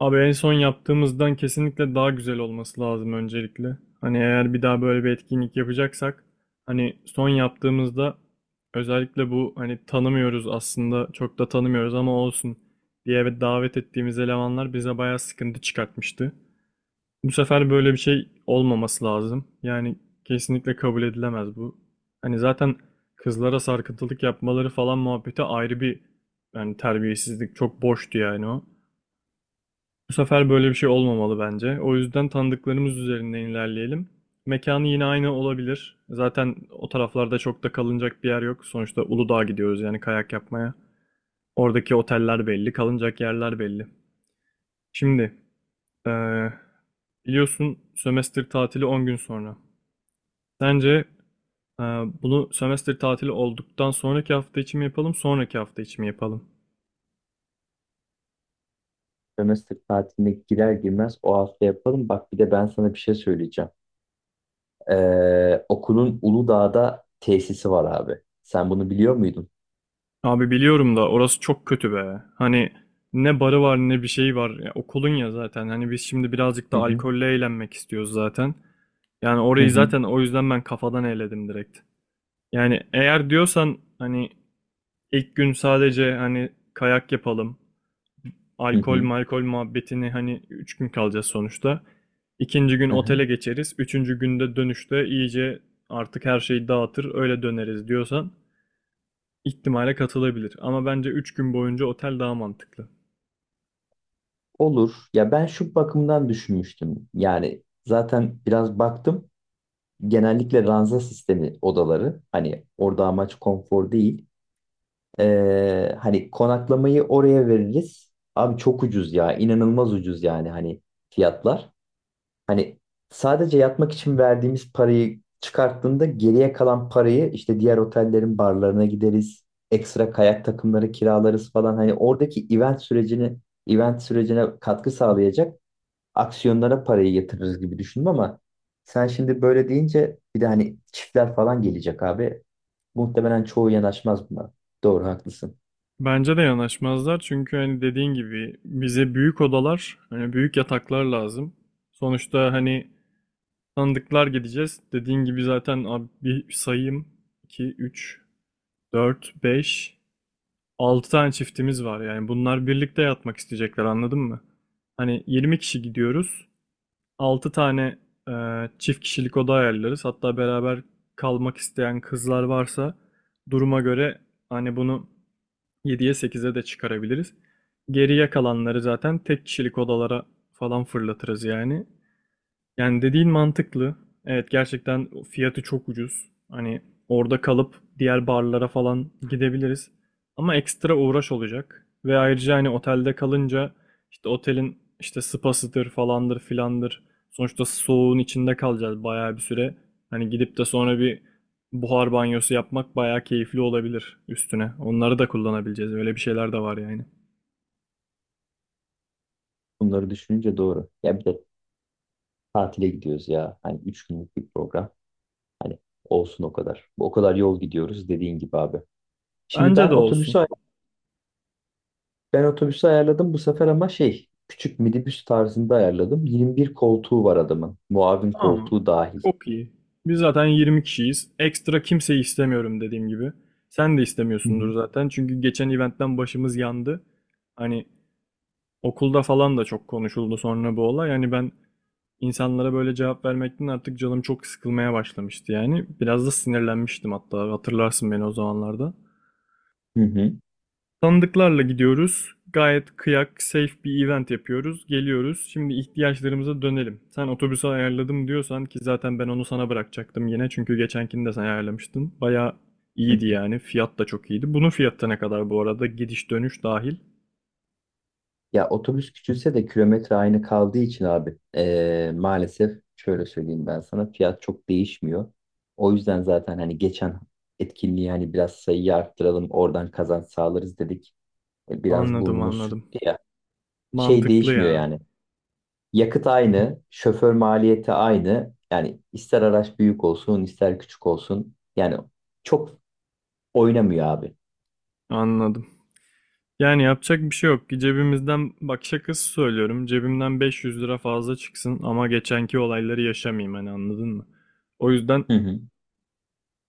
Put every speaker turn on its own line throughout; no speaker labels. Abi en son yaptığımızdan kesinlikle daha güzel olması lazım öncelikle. Hani eğer bir daha böyle bir etkinlik yapacaksak hani son yaptığımızda özellikle bu hani tanımıyoruz aslında çok da tanımıyoruz ama olsun diye davet ettiğimiz elemanlar bize bayağı sıkıntı çıkartmıştı. Bu sefer böyle bir şey olmaması lazım. Yani kesinlikle kabul edilemez bu. Hani zaten kızlara sarkıntılık yapmaları falan muhabbeti ayrı bir yani terbiyesizlik çok boştu yani o. Bu sefer böyle bir şey olmamalı bence. O yüzden tanıdıklarımız üzerinden ilerleyelim. Mekanı yine aynı olabilir. Zaten o taraflarda çok da kalınacak bir yer yok. Sonuçta Uludağ'a gidiyoruz yani kayak yapmaya. Oradaki oteller belli, kalınacak yerler belli. Şimdi, eee, biliyorsun sömestr tatili 10 gün sonra. Sence eee, bunu sömestr tatili olduktan sonraki hafta için mi yapalım, sonraki hafta için mi yapalım?
Sömestr tatiline girer girmez o hafta yapalım. Bak bir de ben sana bir şey söyleyeceğim. Okulun Uludağ'da tesisi var abi. Sen bunu biliyor muydun?
Abi biliyorum da orası çok kötü be. Hani ne barı var ne bir şey var. Ya, okulun ya zaten. Hani biz şimdi birazcık
Hı
da
hı.
alkolle eğlenmek istiyoruz zaten. Yani
Hı
orayı
hı.
zaten o yüzden ben kafadan eledim direkt. Yani eğer diyorsan hani ilk gün sadece hani kayak yapalım.
Hı
Alkol
hı.
malkol muhabbetini hani 3 gün kalacağız sonuçta. İkinci gün
Hı hı.
otele geçeriz. Üçüncü günde dönüşte iyice artık her şeyi dağıtır öyle döneriz diyorsan. İhtimale katılabilir ama bence 3 gün boyunca otel daha mantıklı.
Olur. Ya ben şu bakımdan düşünmüştüm. Yani zaten biraz baktım. Genellikle ranza sistemi odaları. Hani orada amaç konfor değil. Hani konaklamayı oraya veririz. Abi çok ucuz ya. İnanılmaz ucuz yani hani fiyatlar. Hani sadece yatmak için verdiğimiz parayı çıkarttığında geriye kalan parayı işte diğer otellerin barlarına gideriz. Ekstra kayak takımları kiralarız falan. Hani oradaki event sürecini event sürecine katkı sağlayacak aksiyonlara parayı yatırırız gibi düşündüm ama sen şimdi böyle deyince bir de hani çiftler falan gelecek abi. Muhtemelen çoğu yanaşmaz buna. Doğru haklısın.
Bence de yanaşmazlar çünkü hani dediğin gibi bize büyük odalar, hani büyük yataklar lazım. Sonuçta hani tanıdıklar gideceğiz. Dediğin gibi zaten abi bir sayayım 2 3 4 5 6 tane çiftimiz var. Yani bunlar birlikte yatmak isteyecekler anladın mı? Hani 20 kişi gidiyoruz. 6 tane e, çift kişilik oda ayarlarız. Hatta beraber kalmak isteyen kızlar varsa duruma göre hani bunu yediye sekize de çıkarabiliriz. Geriye kalanları zaten tek kişilik odalara falan fırlatırız yani. Yani dediğin mantıklı. Evet, gerçekten fiyatı çok ucuz. Hani orada kalıp diğer barlara falan gidebiliriz. Ama ekstra uğraş olacak. Ve ayrıca hani otelde kalınca işte otelin işte spasıdır falandır filandır. Sonuçta soğuğun içinde kalacağız bayağı bir süre. Hani gidip de sonra bir buhar banyosu yapmak bayağı keyifli olabilir üstüne. Onları da kullanabileceğiz. Öyle bir şeyler de var yani.
Bunları düşününce doğru. Ya bir de tatile gidiyoruz ya. Hani 3 günlük bir program. Hani olsun o kadar. O kadar yol gidiyoruz dediğin gibi abi. Şimdi
Bence
ben
de olsun.
otobüsü ben otobüsü ayarladım bu sefer ama şey küçük minibüs tarzında ayarladım. 21 koltuğu var adamın. Muavin
Tamam.
koltuğu dahil.
Çok iyi. Biz zaten 20 kişiyiz. Ekstra kimseyi istemiyorum dediğim gibi. Sen de
Hı hı.
istemiyorsundur zaten. Çünkü geçen eventten başımız yandı. Hani okulda falan da çok konuşuldu sonra bu olay. Yani ben insanlara böyle cevap vermekten artık canım çok sıkılmaya başlamıştı yani. Biraz da sinirlenmiştim hatta. Hatırlarsın beni o zamanlarda.
Hı hı.
Tanıdıklarla gidiyoruz. Gayet kıyak, safe bir event yapıyoruz. Geliyoruz. Şimdi ihtiyaçlarımıza dönelim. Sen otobüsü ayarladım diyorsan, ki zaten ben onu sana bırakacaktım yine. Çünkü geçenkini de sen ayarlamıştın. Bayağı
Hı
iyiydi
hı.
yani. Fiyat da çok iyiydi. Bunun fiyatı ne kadar bu arada? Gidiş dönüş dahil.
Ya otobüs küçülse de kilometre aynı kaldığı için abi maalesef şöyle söyleyeyim ben sana fiyat çok değişmiyor. O yüzden zaten hani geçen etkinliği hani biraz sayıyı arttıralım oradan kazanç sağlarız dedik. Biraz
Anladım,
burnumuz
anladım.
sürttü ya. Şey
Mantıklı
değişmiyor
ya.
yani. Yakıt aynı, şoför maliyeti aynı. Yani ister araç büyük olsun, ister küçük olsun. Yani çok oynamıyor abi.
Anladım. Yani yapacak bir şey yok. Ki cebimizden bak şakası söylüyorum. Cebimden 500 lira fazla çıksın ama geçenki olayları yaşamayayım hani anladın mı? O yüzden
Hı hı.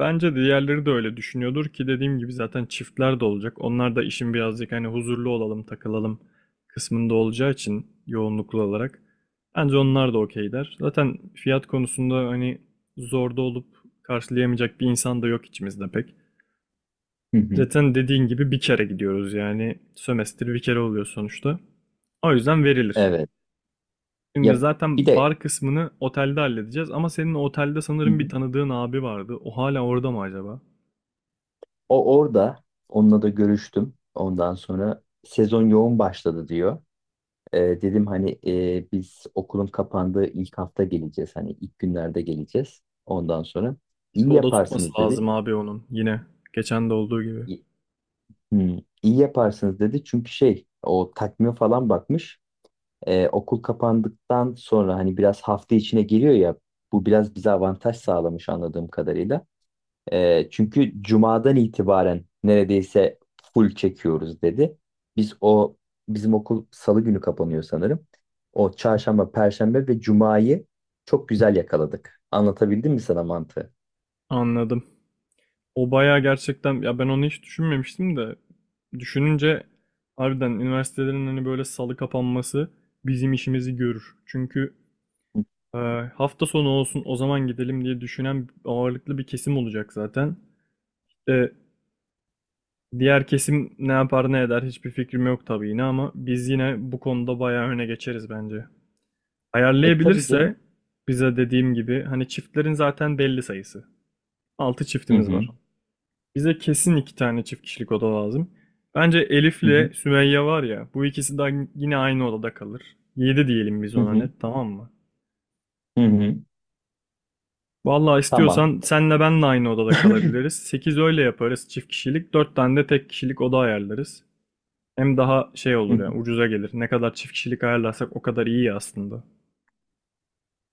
bence diğerleri de öyle düşünüyordur, ki dediğim gibi zaten çiftler de olacak. Onlar da işin birazcık hani huzurlu olalım, takılalım kısmında olacağı için yoğunluklu olarak. Bence onlar da okey der. Zaten fiyat konusunda hani zorda olup karşılayamayacak bir insan da yok içimizde pek.
Hı hı.
Zaten dediğin gibi bir kere gidiyoruz yani sömestr bir kere oluyor sonuçta. O yüzden verilir.
Evet.
Şimdi
Ya bir
zaten
de.
bar kısmını otelde halledeceğiz ama senin otelde
Hı
sanırım bir
hı.
tanıdığın abi vardı. O hala orada mı acaba?
O orada onunla da görüştüm. Ondan sonra sezon yoğun başladı diyor. Dedim hani biz okulun kapandığı ilk hafta geleceğiz. Hani ilk günlerde geleceğiz. Ondan sonra
Bir
iyi
de oda tutması
yaparsınız dedi.
lazım abi onun. Yine geçen de olduğu gibi.
İyi, Hı, iyi yaparsınız dedi. Çünkü şey o takvime falan bakmış. Okul kapandıktan sonra hani biraz hafta içine geliyor ya bu biraz bize avantaj sağlamış anladığım kadarıyla. Çünkü cumadan itibaren neredeyse full çekiyoruz dedi. Biz o bizim okul salı günü kapanıyor sanırım. O çarşamba, perşembe ve cumayı çok güzel yakaladık. Anlatabildim mi sana mantığı?
Anladım. O bayağı gerçekten ya, ben onu hiç düşünmemiştim de düşününce harbiden üniversitelerin hani böyle salı kapanması bizim işimizi görür. Çünkü e, hafta sonu olsun o zaman gidelim diye düşünen ağırlıklı bir kesim olacak zaten. E, Diğer kesim ne yapar ne eder hiçbir fikrim yok tabii yine ama biz yine bu konuda bayağı öne geçeriz bence.
Tabii canım.
Ayarlayabilirse bize, dediğim gibi, hani çiftlerin zaten belli sayısı. Altı
Hı
çiftimiz
hı.
var. Bize kesin iki tane çift kişilik oda lazım. Bence
Hı hı.
Elif'le Sümeyye var ya, bu ikisi de yine aynı odada kalır. Yedi diyelim biz
Hı
ona
hı.
net, tamam mı?
Hı hı.
Vallahi
Tamam.
istiyorsan senle ben de aynı odada kalabiliriz. Sekiz öyle yaparız çift kişilik, dört tane de tek kişilik oda ayarlarız. Hem daha şey
Hı
olur
hı.
ya, ucuza gelir. Ne kadar çift kişilik ayarlarsak o kadar iyi aslında.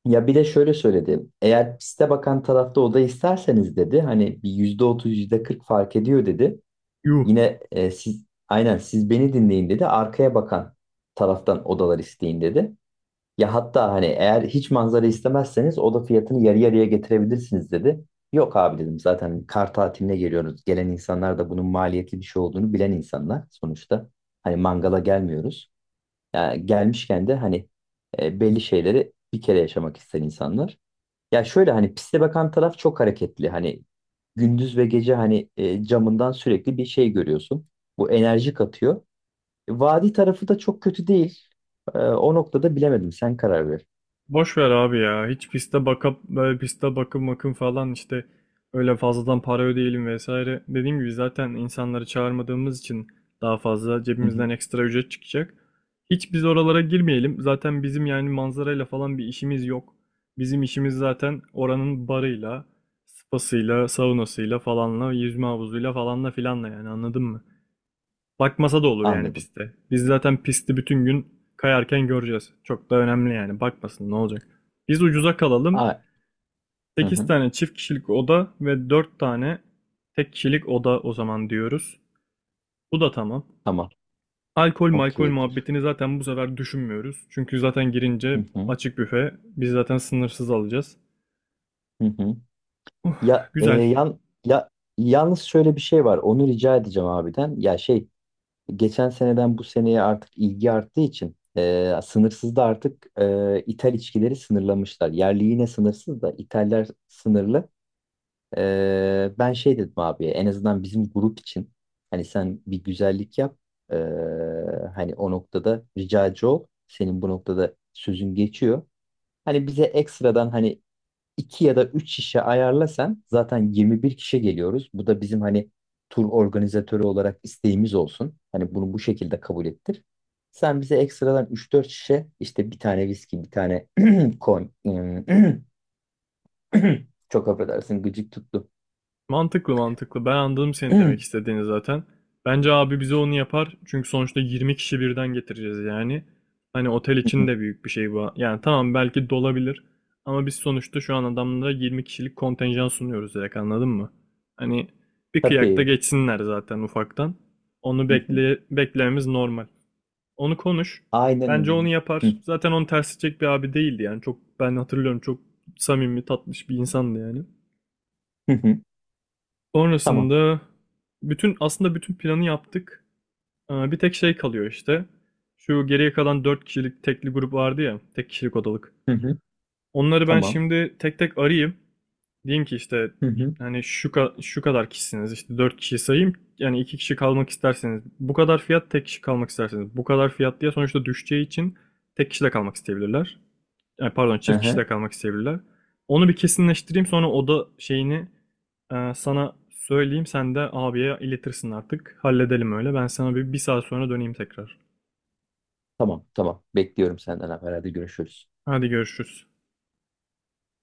Ya bir de şöyle söyledi. Eğer piste bakan tarafta oda isterseniz dedi. Hani bir %30 yüzde kırk fark ediyor dedi.
Yuh.
Yine siz aynen siz beni dinleyin dedi. Arkaya bakan taraftan odalar isteyin dedi. Ya hatta hani eğer hiç manzara istemezseniz oda fiyatını yarı yarıya getirebilirsiniz dedi. Yok abi dedim zaten kar tatiline geliyoruz. Gelen insanlar da bunun maliyetli bir şey olduğunu bilen insanlar sonuçta. Hani mangala gelmiyoruz. Yani gelmişken de hani belli şeyleri bir kere yaşamak isteyen insanlar. Ya şöyle hani piste bakan taraf çok hareketli. Hani gündüz ve gece hani camından sürekli bir şey görüyorsun. Bu enerji katıyor. Vadi tarafı da çok kötü değil. O noktada bilemedim. Sen karar ver.
Boş ver abi ya. Hiç piste bakıp böyle piste bakım bakım falan işte öyle fazladan para ödeyelim vesaire. Dediğim gibi zaten insanları çağırmadığımız için daha fazla
Hı
cebimizden
hı.
ekstra ücret çıkacak. Hiç biz oralara girmeyelim. Zaten bizim yani manzarayla falan bir işimiz yok. Bizim işimiz zaten oranın barıyla, spasıyla, saunasıyla falanla, yüzme havuzuyla falanla filanla yani anladın mı? Bakmasa da olur yani
Anladım.
piste. Biz zaten pisti bütün gün kayarken göreceğiz. Çok da önemli yani. Bakmasın ne olacak. Biz ucuza kalalım.
A hı
8
hı.
tane çift kişilik oda ve 4 tane tek kişilik oda o zaman diyoruz. Bu da tamam.
Tamam.
Alkol malkol
Okeydir.
muhabbetini zaten bu sefer düşünmüyoruz. Çünkü zaten
Hı
girince
hı.
açık büfe. Biz zaten sınırsız alacağız.
Hı hı.
Uh,
Ya e,
güzel.
yan ya yalnız şöyle bir şey var. Onu rica edeceğim abiden. Ya şey geçen seneden bu seneye artık ilgi arttığı için sınırsız da artık ithal içkileri sınırlamışlar. Yerli yine sınırsız da ithaller sınırlı. Ben şey dedim abi en azından bizim grup için hani sen bir güzellik yap. E, hani o noktada ricacı ol. Senin bu noktada sözün geçiyor. Hani bize ekstradan hani 2 ya da 3 şişe ayarlasan zaten 21 kişi geliyoruz. Bu da bizim hani tur organizatörü olarak isteğimiz olsun. Hani bunu bu şekilde kabul ettir. Sen bize ekstradan üç dört şişe işte bir tane viski, bir tane kon çok affedersin gıcık tuttu.
Mantıklı, mantıklı. Ben anladım seni,
Hı
demek istediğini zaten. Bence abi bize onu yapar. Çünkü sonuçta 20 kişi birden getireceğiz yani. Hani otel için
hı.
de büyük bir şey bu. Yani tamam, belki dolabilir. Ama biz sonuçta şu an adamlara 20 kişilik kontenjan sunuyoruz direkt anladın mı? Hani bir kıyakta
Tabii.
geçsinler zaten ufaktan. Onu
Hı hı.
bekle, beklememiz normal. Onu konuş.
Aynen
Bence onu
öyle.
yapar.
Hı
Zaten onu ters edecek bir abi değildi yani. Çok, ben hatırlıyorum, çok samimi tatlış bir insandı yani.
hı. hı. Tamam.
Sonrasında aslında bütün planı yaptık. Bir tek şey kalıyor işte. Şu geriye kalan 4 kişilik tekli grup vardı ya, tek kişilik odalık.
Hı hı.
Onları ben
Tamam.
şimdi tek tek arayayım. Diyeyim ki işte
Hı hı.
hani şu kadar kişisiniz işte 4 kişi sayayım. Yani 2 kişi kalmak isterseniz bu kadar fiyat, tek kişi kalmak isterseniz bu kadar fiyat diye sonuçta düşeceği için tek kişi de kalmak isteyebilirler, ay pardon,
Hı
çift
hı.
kişide kalmak isteyebilirler. Onu bir kesinleştireyim, sonra oda şeyini sana söyleyeyim. Sen de abiye iletirsin artık. Halledelim öyle. Ben sana bir saat sonra döneyim tekrar.
Tamam, tamam. Bekliyorum senden haber. Hadi görüşürüz.
Hadi görüşürüz.